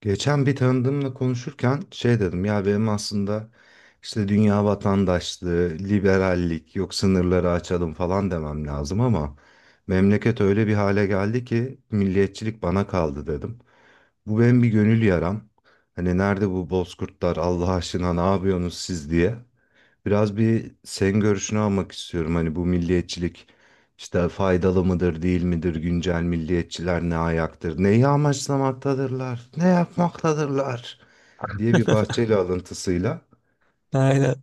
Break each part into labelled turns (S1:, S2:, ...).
S1: Geçen bir tanıdığımla konuşurken şey dedim ya, benim aslında işte dünya vatandaşlığı, liberallik, yok sınırları açalım falan demem lazım ama memleket öyle bir hale geldi ki milliyetçilik bana kaldı dedim. Bu benim bir gönül yaram. Hani nerede bu bozkurtlar Allah aşkına ne yapıyorsunuz siz diye. Biraz bir senin görüşünü almak istiyorum, hani bu milliyetçilik işte faydalı mıdır, değil midir, güncel milliyetçiler ne ayaktır, neyi amaçlamaktadırlar, ne yapmaktadırlar diye bir Bahçeli alıntısıyla.
S2: Aynen.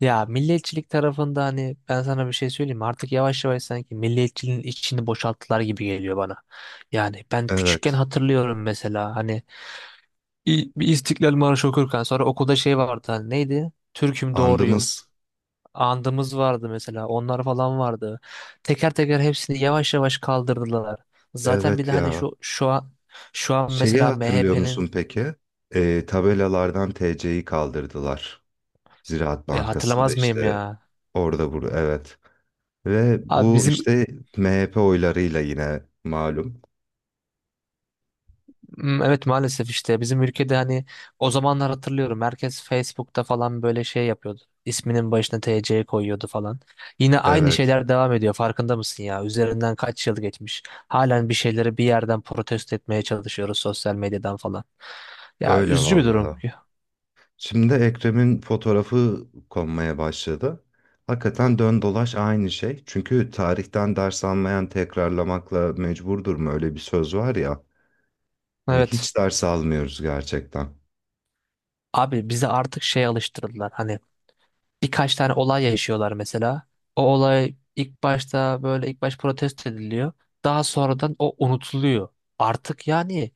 S2: Ya milliyetçilik tarafında hani ben sana bir şey söyleyeyim mi? Artık yavaş yavaş sanki milliyetçiliğin içini boşalttılar gibi geliyor bana. Yani ben küçükken
S1: Evet,
S2: hatırlıyorum mesela hani bir İstiklal Marşı okurken sonra okulda şey vardı hani neydi? Türk'üm doğruyum.
S1: andımız,
S2: Andımız vardı mesela, onlar falan vardı. Teker teker hepsini yavaş yavaş kaldırdılar. Zaten bir de
S1: evet
S2: hani
S1: ya.
S2: şu an şu an
S1: Şeyi
S2: mesela
S1: hatırlıyor
S2: MHP'nin.
S1: musun peki? Tabelalardan TC'yi kaldırdılar. Ziraat Bankası'nda
S2: Hatırlamaz mıyım
S1: işte
S2: ya?
S1: orada burada, evet. Ve
S2: Abi
S1: bu
S2: bizim.
S1: işte MHP oylarıyla yine malum.
S2: Hmm, evet, maalesef işte bizim ülkede hani o zamanlar hatırlıyorum herkes Facebook'ta falan böyle şey yapıyordu. İsminin başına TC koyuyordu falan. Yine aynı
S1: Evet,
S2: şeyler devam ediyor, farkında mısın ya? Üzerinden kaç yıl geçmiş. Halen bir şeyleri bir yerden protesto etmeye çalışıyoruz sosyal medyadan falan. Ya,
S1: öyle
S2: üzücü bir durum.
S1: vallahi. Şimdi Ekrem'in fotoğrafı konmaya başladı. Hakikaten dön dolaş aynı şey. Çünkü tarihten ders almayan tekrarlamakla mecburdur mu öyle bir söz var ya. Hani
S2: Evet.
S1: hiç ders almıyoruz gerçekten.
S2: Abi bize artık şey alıştırdılar. Hani birkaç tane olay yaşıyorlar mesela. O olay ilk başta böyle ilk baş protesto ediliyor. Daha sonradan o unutuluyor. Artık yani,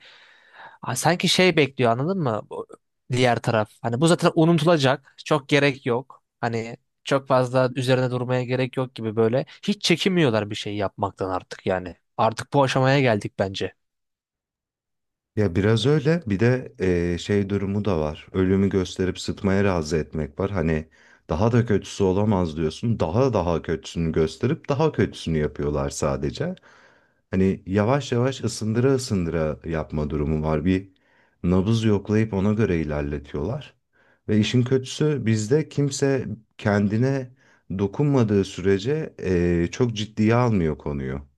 S2: ha, sanki şey bekliyor, anladın mı? Diğer taraf. Hani bu zaten unutulacak. Çok gerek yok. Hani çok fazla üzerine durmaya gerek yok gibi böyle. Hiç çekinmiyorlar bir şey yapmaktan artık yani. Artık bu aşamaya geldik bence.
S1: Ya biraz öyle bir de şey durumu da var. Ölümü gösterip sıtmaya razı etmek var. Hani daha da kötüsü olamaz diyorsun. Daha daha kötüsünü gösterip daha kötüsünü yapıyorlar sadece. Hani yavaş yavaş ısındıra ısındıra yapma durumu var. Bir nabız yoklayıp ona göre ilerletiyorlar. Ve işin kötüsü bizde kimse kendine dokunmadığı sürece çok ciddiye almıyor konuyu.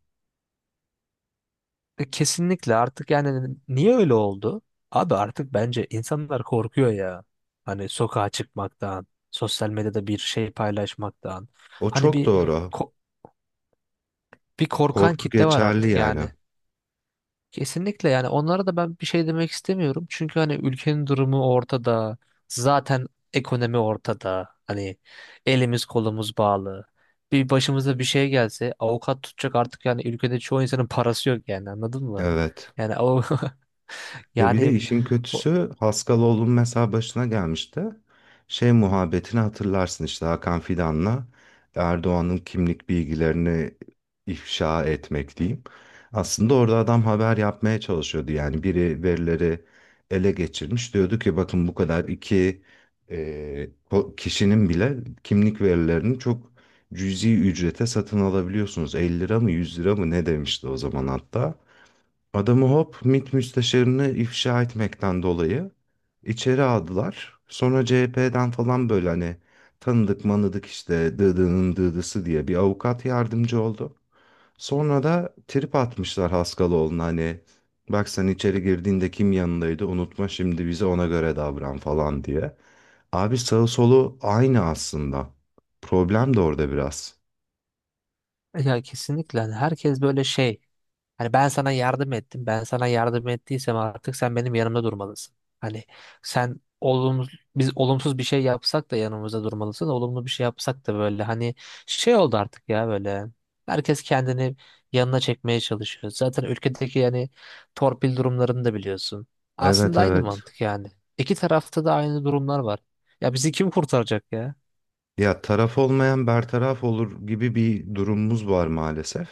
S2: Kesinlikle, artık yani niye öyle oldu? Abi artık bence insanlar korkuyor ya. Hani sokağa çıkmaktan, sosyal medyada bir şey paylaşmaktan.
S1: O
S2: Hani
S1: çok, evet,
S2: bir
S1: doğru.
S2: ko- bir korkan
S1: Korku, evet,
S2: kitle var
S1: geçerli
S2: artık
S1: yani.
S2: yani. Kesinlikle yani, onlara da ben bir şey demek istemiyorum. Çünkü hani ülkenin durumu ortada. Zaten ekonomi ortada. Hani elimiz kolumuz bağlı. Bir başımıza bir şey gelse avukat tutacak, artık yani ülkede çoğu insanın parası yok yani, anladın mı?
S1: Evet.
S2: Yani o
S1: Ve bir de
S2: yani
S1: işin
S2: bu-
S1: kötüsü Haskaloğlu'nun mesela başına gelmişti. Şey muhabbetini hatırlarsın işte, Hakan Fidan'la Erdoğan'ın kimlik bilgilerini ifşa etmek diyeyim. Aslında orada adam haber yapmaya çalışıyordu. Yani biri verileri ele geçirmiş. Diyordu ki bakın, bu kadar iki e, kişinin bile kimlik verilerini çok cüzi ücrete satın alabiliyorsunuz. 50 lira mı 100 lira mı ne demişti o zaman hatta. Adamı hop MİT müsteşarını ifşa etmekten dolayı içeri aldılar. Sonra CHP'den falan, böyle hani tanıdık manıdık işte dıdının dıdısı diye bir avukat yardımcı oldu. Sonra da trip atmışlar Haskaloğlu'na, hani bak sen içeri girdiğinde kim yanındaydı unutma, şimdi bize ona göre davran falan diye. Abi sağı solu aynı aslında. Problem de orada biraz.
S2: ya kesinlikle, hani herkes böyle şey. Hani ben sana yardım ettim. Ben sana yardım ettiysem artık sen benim yanımda durmalısın. Hani sen olumsuz biz olumsuz bir şey yapsak da yanımızda durmalısın. Olumlu bir şey yapsak da böyle hani şey oldu artık ya böyle. Herkes kendini yanına çekmeye çalışıyor. Zaten ülkedeki yani torpil durumlarını da biliyorsun.
S1: Evet,
S2: Aslında aynı
S1: evet.
S2: mantık yani. İki tarafta da aynı durumlar var. Ya bizi kim kurtaracak ya?
S1: Ya taraf olmayan bertaraf olur gibi bir durumumuz var maalesef.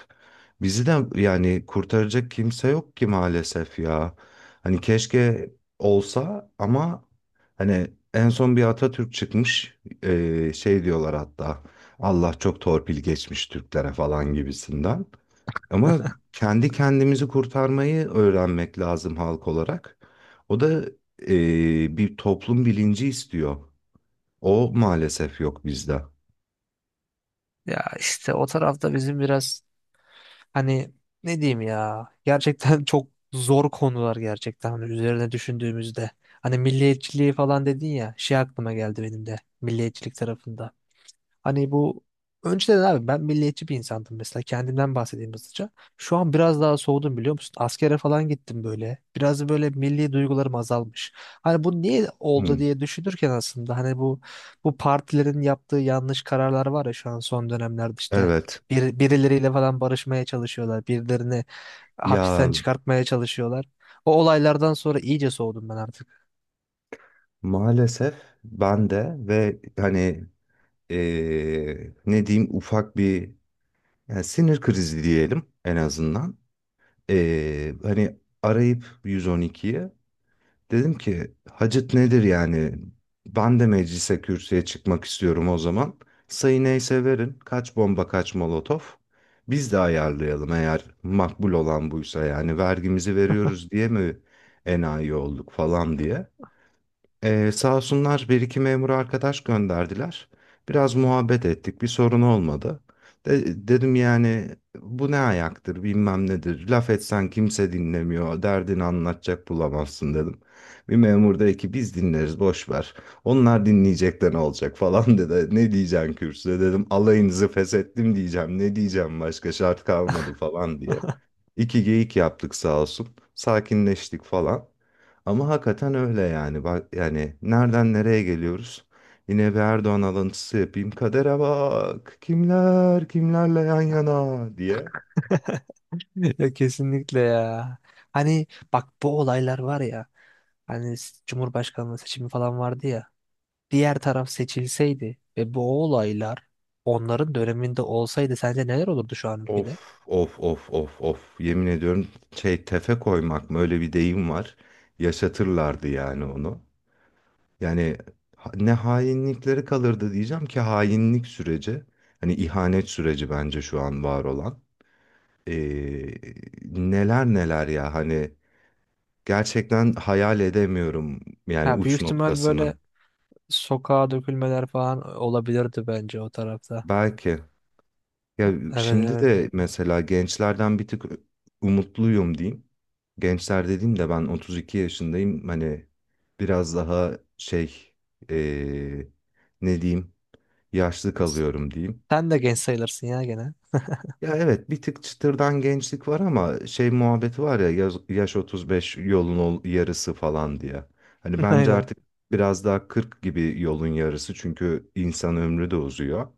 S1: Bizi de yani kurtaracak kimse yok ki maalesef ya. Hani keşke olsa ama, hani en son bir Atatürk çıkmış, şey diyorlar hatta, Allah çok torpil geçmiş Türklere falan gibisinden. Ama kendi kendimizi kurtarmayı öğrenmek lazım halk olarak. O da bir toplum bilinci istiyor. O maalesef yok bizde.
S2: Ya işte o tarafta bizim biraz hani ne diyeyim ya gerçekten çok zor konular gerçekten hani üzerine düşündüğümüzde. Hani milliyetçiliği falan dedin ya, şey aklıma geldi benim de, milliyetçilik tarafında. Hani bu önceden abi ben milliyetçi bir insandım, mesela kendimden bahsedeyim hızlıca. Şu an biraz daha soğudum, biliyor musun? Askere falan gittim böyle. Biraz da böyle milli duygularım azalmış. Hani bu niye oldu
S1: Hmm.
S2: diye düşünürken aslında hani bu partilerin yaptığı yanlış kararlar var ya, şu an son dönemlerde işte
S1: Evet.
S2: birileriyle falan barışmaya çalışıyorlar. Birilerini hapisten
S1: Ya
S2: çıkartmaya çalışıyorlar. O olaylardan sonra iyice soğudum ben artık.
S1: maalesef ben de, ve hani ne diyeyim, ufak bir, yani sinir krizi diyelim en azından. Hani arayıp 112'yi, dedim ki Hacet nedir yani? Ben de meclise kürsüye çıkmak istiyorum o zaman. Sayı neyse verin. Kaç bomba kaç molotof. Biz de ayarlayalım, eğer makbul olan buysa yani vergimizi veriyoruz diye mi enayi olduk falan diye. Sağ olsunlar, bir iki memur arkadaş gönderdiler. Biraz muhabbet ettik. Bir sorun olmadı. Dedim yani, bu ne ayaktır bilmem nedir. Laf etsen kimse dinlemiyor. Derdini anlatacak bulamazsın dedim. Bir memur dedi ki biz dinleriz boş ver. Onlar dinleyecek de ne olacak falan dedi. Ne diyeceksin kürsüde dedim. Alayınızı feshettim diyeceğim. Ne diyeceğim başka şart kalmadı falan diye. İki geyik yaptık sağ olsun. Sakinleştik falan. Ama hakikaten öyle yani. Bak yani nereden nereye geliyoruz? Yine bir Erdoğan alıntısı yapayım. Kadere bak. Kimler kimlerle yan yana diye.
S2: Ya kesinlikle ya. Hani bak bu olaylar var ya. Hani Cumhurbaşkanlığı seçimi falan vardı ya. Diğer taraf seçilseydi ve bu olaylar onların döneminde olsaydı sence neler olurdu şu an
S1: Of
S2: ülkede?
S1: of of of of. Yemin ediyorum, şey tefe koymak mı, öyle bir deyim var. Yaşatırlardı yani onu. Yani ne hainlikleri kalırdı diyeceğim ki, hainlik süreci. Hani ihanet süreci bence şu an var olan. Ee, neler neler ya hani. Gerçekten hayal edemiyorum yani
S2: Ya
S1: uç
S2: büyük ihtimal
S1: noktasını.
S2: böyle sokağa dökülmeler falan olabilirdi bence o tarafta.
S1: Belki ya,
S2: Evet,
S1: şimdi
S2: evet.
S1: de mesela gençlerden bir tık umutluyum diyeyim. Gençler dediğim de, ben 32 yaşındayım. Hani biraz daha şey, eee, ne diyeyim, yaşlı kalıyorum diyeyim.
S2: Sen de genç sayılırsın ya gene.
S1: Ya evet, bir tık çıtırdan gençlik var ama şey muhabbeti var ya, yaş 35 yolun yarısı falan diye. Hani bence
S2: Aynen.
S1: artık biraz daha 40 gibi yolun yarısı, çünkü insan ömrü de uzuyor.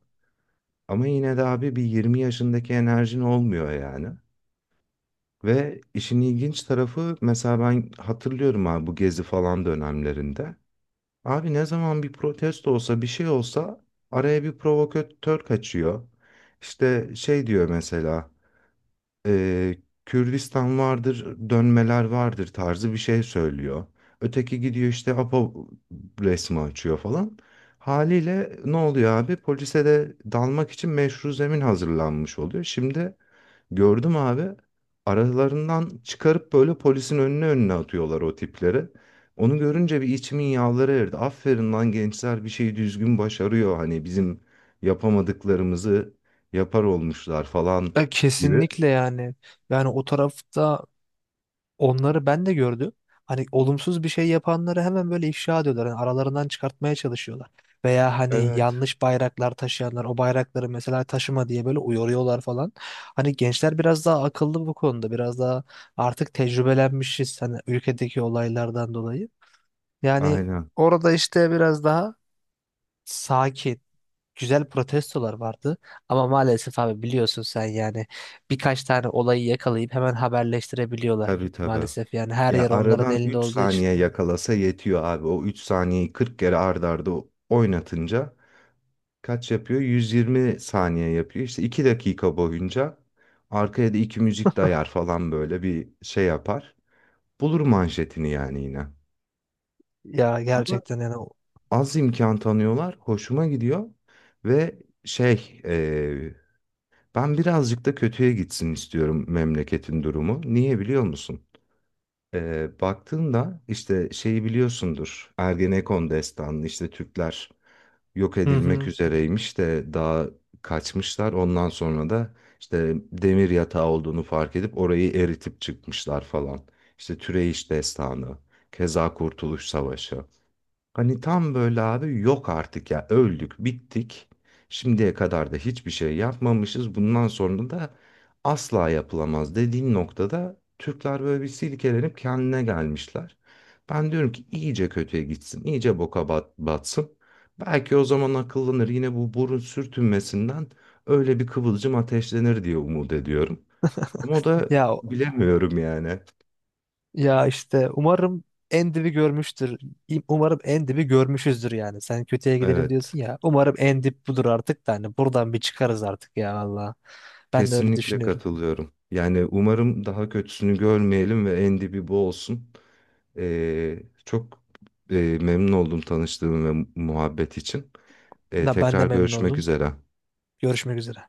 S1: Ama yine de abi bir 20 yaşındaki enerjin olmuyor yani. Ve işin ilginç tarafı, mesela ben hatırlıyorum abi, bu gezi falan dönemlerinde. Abi ne zaman bir protesto olsa bir şey olsa araya bir provokatör kaçıyor. İşte şey diyor mesela, e, Kürdistan vardır, dönmeler vardır tarzı bir şey söylüyor. Öteki gidiyor işte APO resmi açıyor falan. Haliyle ne oluyor abi? Polise de dalmak için meşru zemin hazırlanmış oluyor. Şimdi gördüm abi, aralarından çıkarıp böyle polisin önüne önüne atıyorlar o tipleri. Onu görünce bir içimin yağları erdi. Aferin lan gençler, bir şeyi düzgün başarıyor. Hani bizim yapamadıklarımızı yapar olmuşlar falan
S2: Ya
S1: gibi.
S2: kesinlikle yani. Yani o tarafta, onları ben de gördüm. Hani olumsuz bir şey yapanları hemen böyle ifşa ediyorlar. Hani aralarından çıkartmaya çalışıyorlar. Veya hani
S1: Evet.
S2: yanlış bayraklar taşıyanlar, o bayrakları mesela taşıma diye böyle uyarıyorlar falan. Hani gençler biraz daha akıllı bu konuda. Biraz daha artık tecrübelenmişiz hani ülkedeki olaylardan dolayı. Yani
S1: Aynen.
S2: orada işte biraz daha sakin, güzel protestolar vardı. Ama maalesef abi biliyorsun sen yani, birkaç tane olayı yakalayıp hemen haberleştirebiliyorlar.
S1: Tabii tabii.
S2: Maalesef yani her
S1: Ya
S2: yer onların
S1: aradan
S2: elinde
S1: 3
S2: olduğu için.
S1: saniye yakalasa yetiyor abi. O 3 saniyeyi 40 kere ard arda oynatınca kaç yapıyor? 120 saniye yapıyor. İşte 2 dakika boyunca arkaya da 2 müzik dayar falan, böyle bir şey yapar. Bulur manşetini yani yine.
S2: Ya
S1: Ama
S2: gerçekten yani
S1: az imkan tanıyorlar. Hoşuma gidiyor. Ve şey, ben birazcık da kötüye gitsin istiyorum memleketin durumu. Niye biliyor musun? Baktığında işte şeyi biliyorsundur. Ergenekon destanı işte Türkler yok
S2: hı
S1: edilmek
S2: hı.
S1: üzereymiş de daha kaçmışlar. Ondan sonra da işte demir yatağı olduğunu fark edip orayı eritip çıkmışlar falan. İşte Türeyiş destanı, keza Kurtuluş Savaşı. Hani tam böyle abi, yok artık ya öldük bittik. Şimdiye kadar da hiçbir şey yapmamışız. Bundan sonra da asla yapılamaz dediğin noktada Türkler böyle bir silkelenip kendine gelmişler. Ben diyorum ki iyice kötüye gitsin, iyice boka batsın. Belki o zaman akıllanır yine, bu burun sürtünmesinden öyle bir kıvılcım ateşlenir diye umut ediyorum. Ama o da
S2: Ya
S1: bilemiyorum yani.
S2: ya işte umarım en dibi görmüştür. Umarım en dibi görmüşüzdür yani. Sen kötüye gidelim
S1: Evet.
S2: diyorsun ya. Umarım en dip budur artık da hani buradan bir çıkarız artık ya valla. Ben de öyle
S1: Kesinlikle
S2: düşünüyorum.
S1: katılıyorum. Yani umarım daha kötüsünü görmeyelim ve en dibi bu olsun. Çok memnun oldum tanıştığım ve muhabbet için. Ee,
S2: Da ben de
S1: tekrar
S2: memnun
S1: görüşmek
S2: oldum.
S1: üzere.
S2: Görüşmek üzere.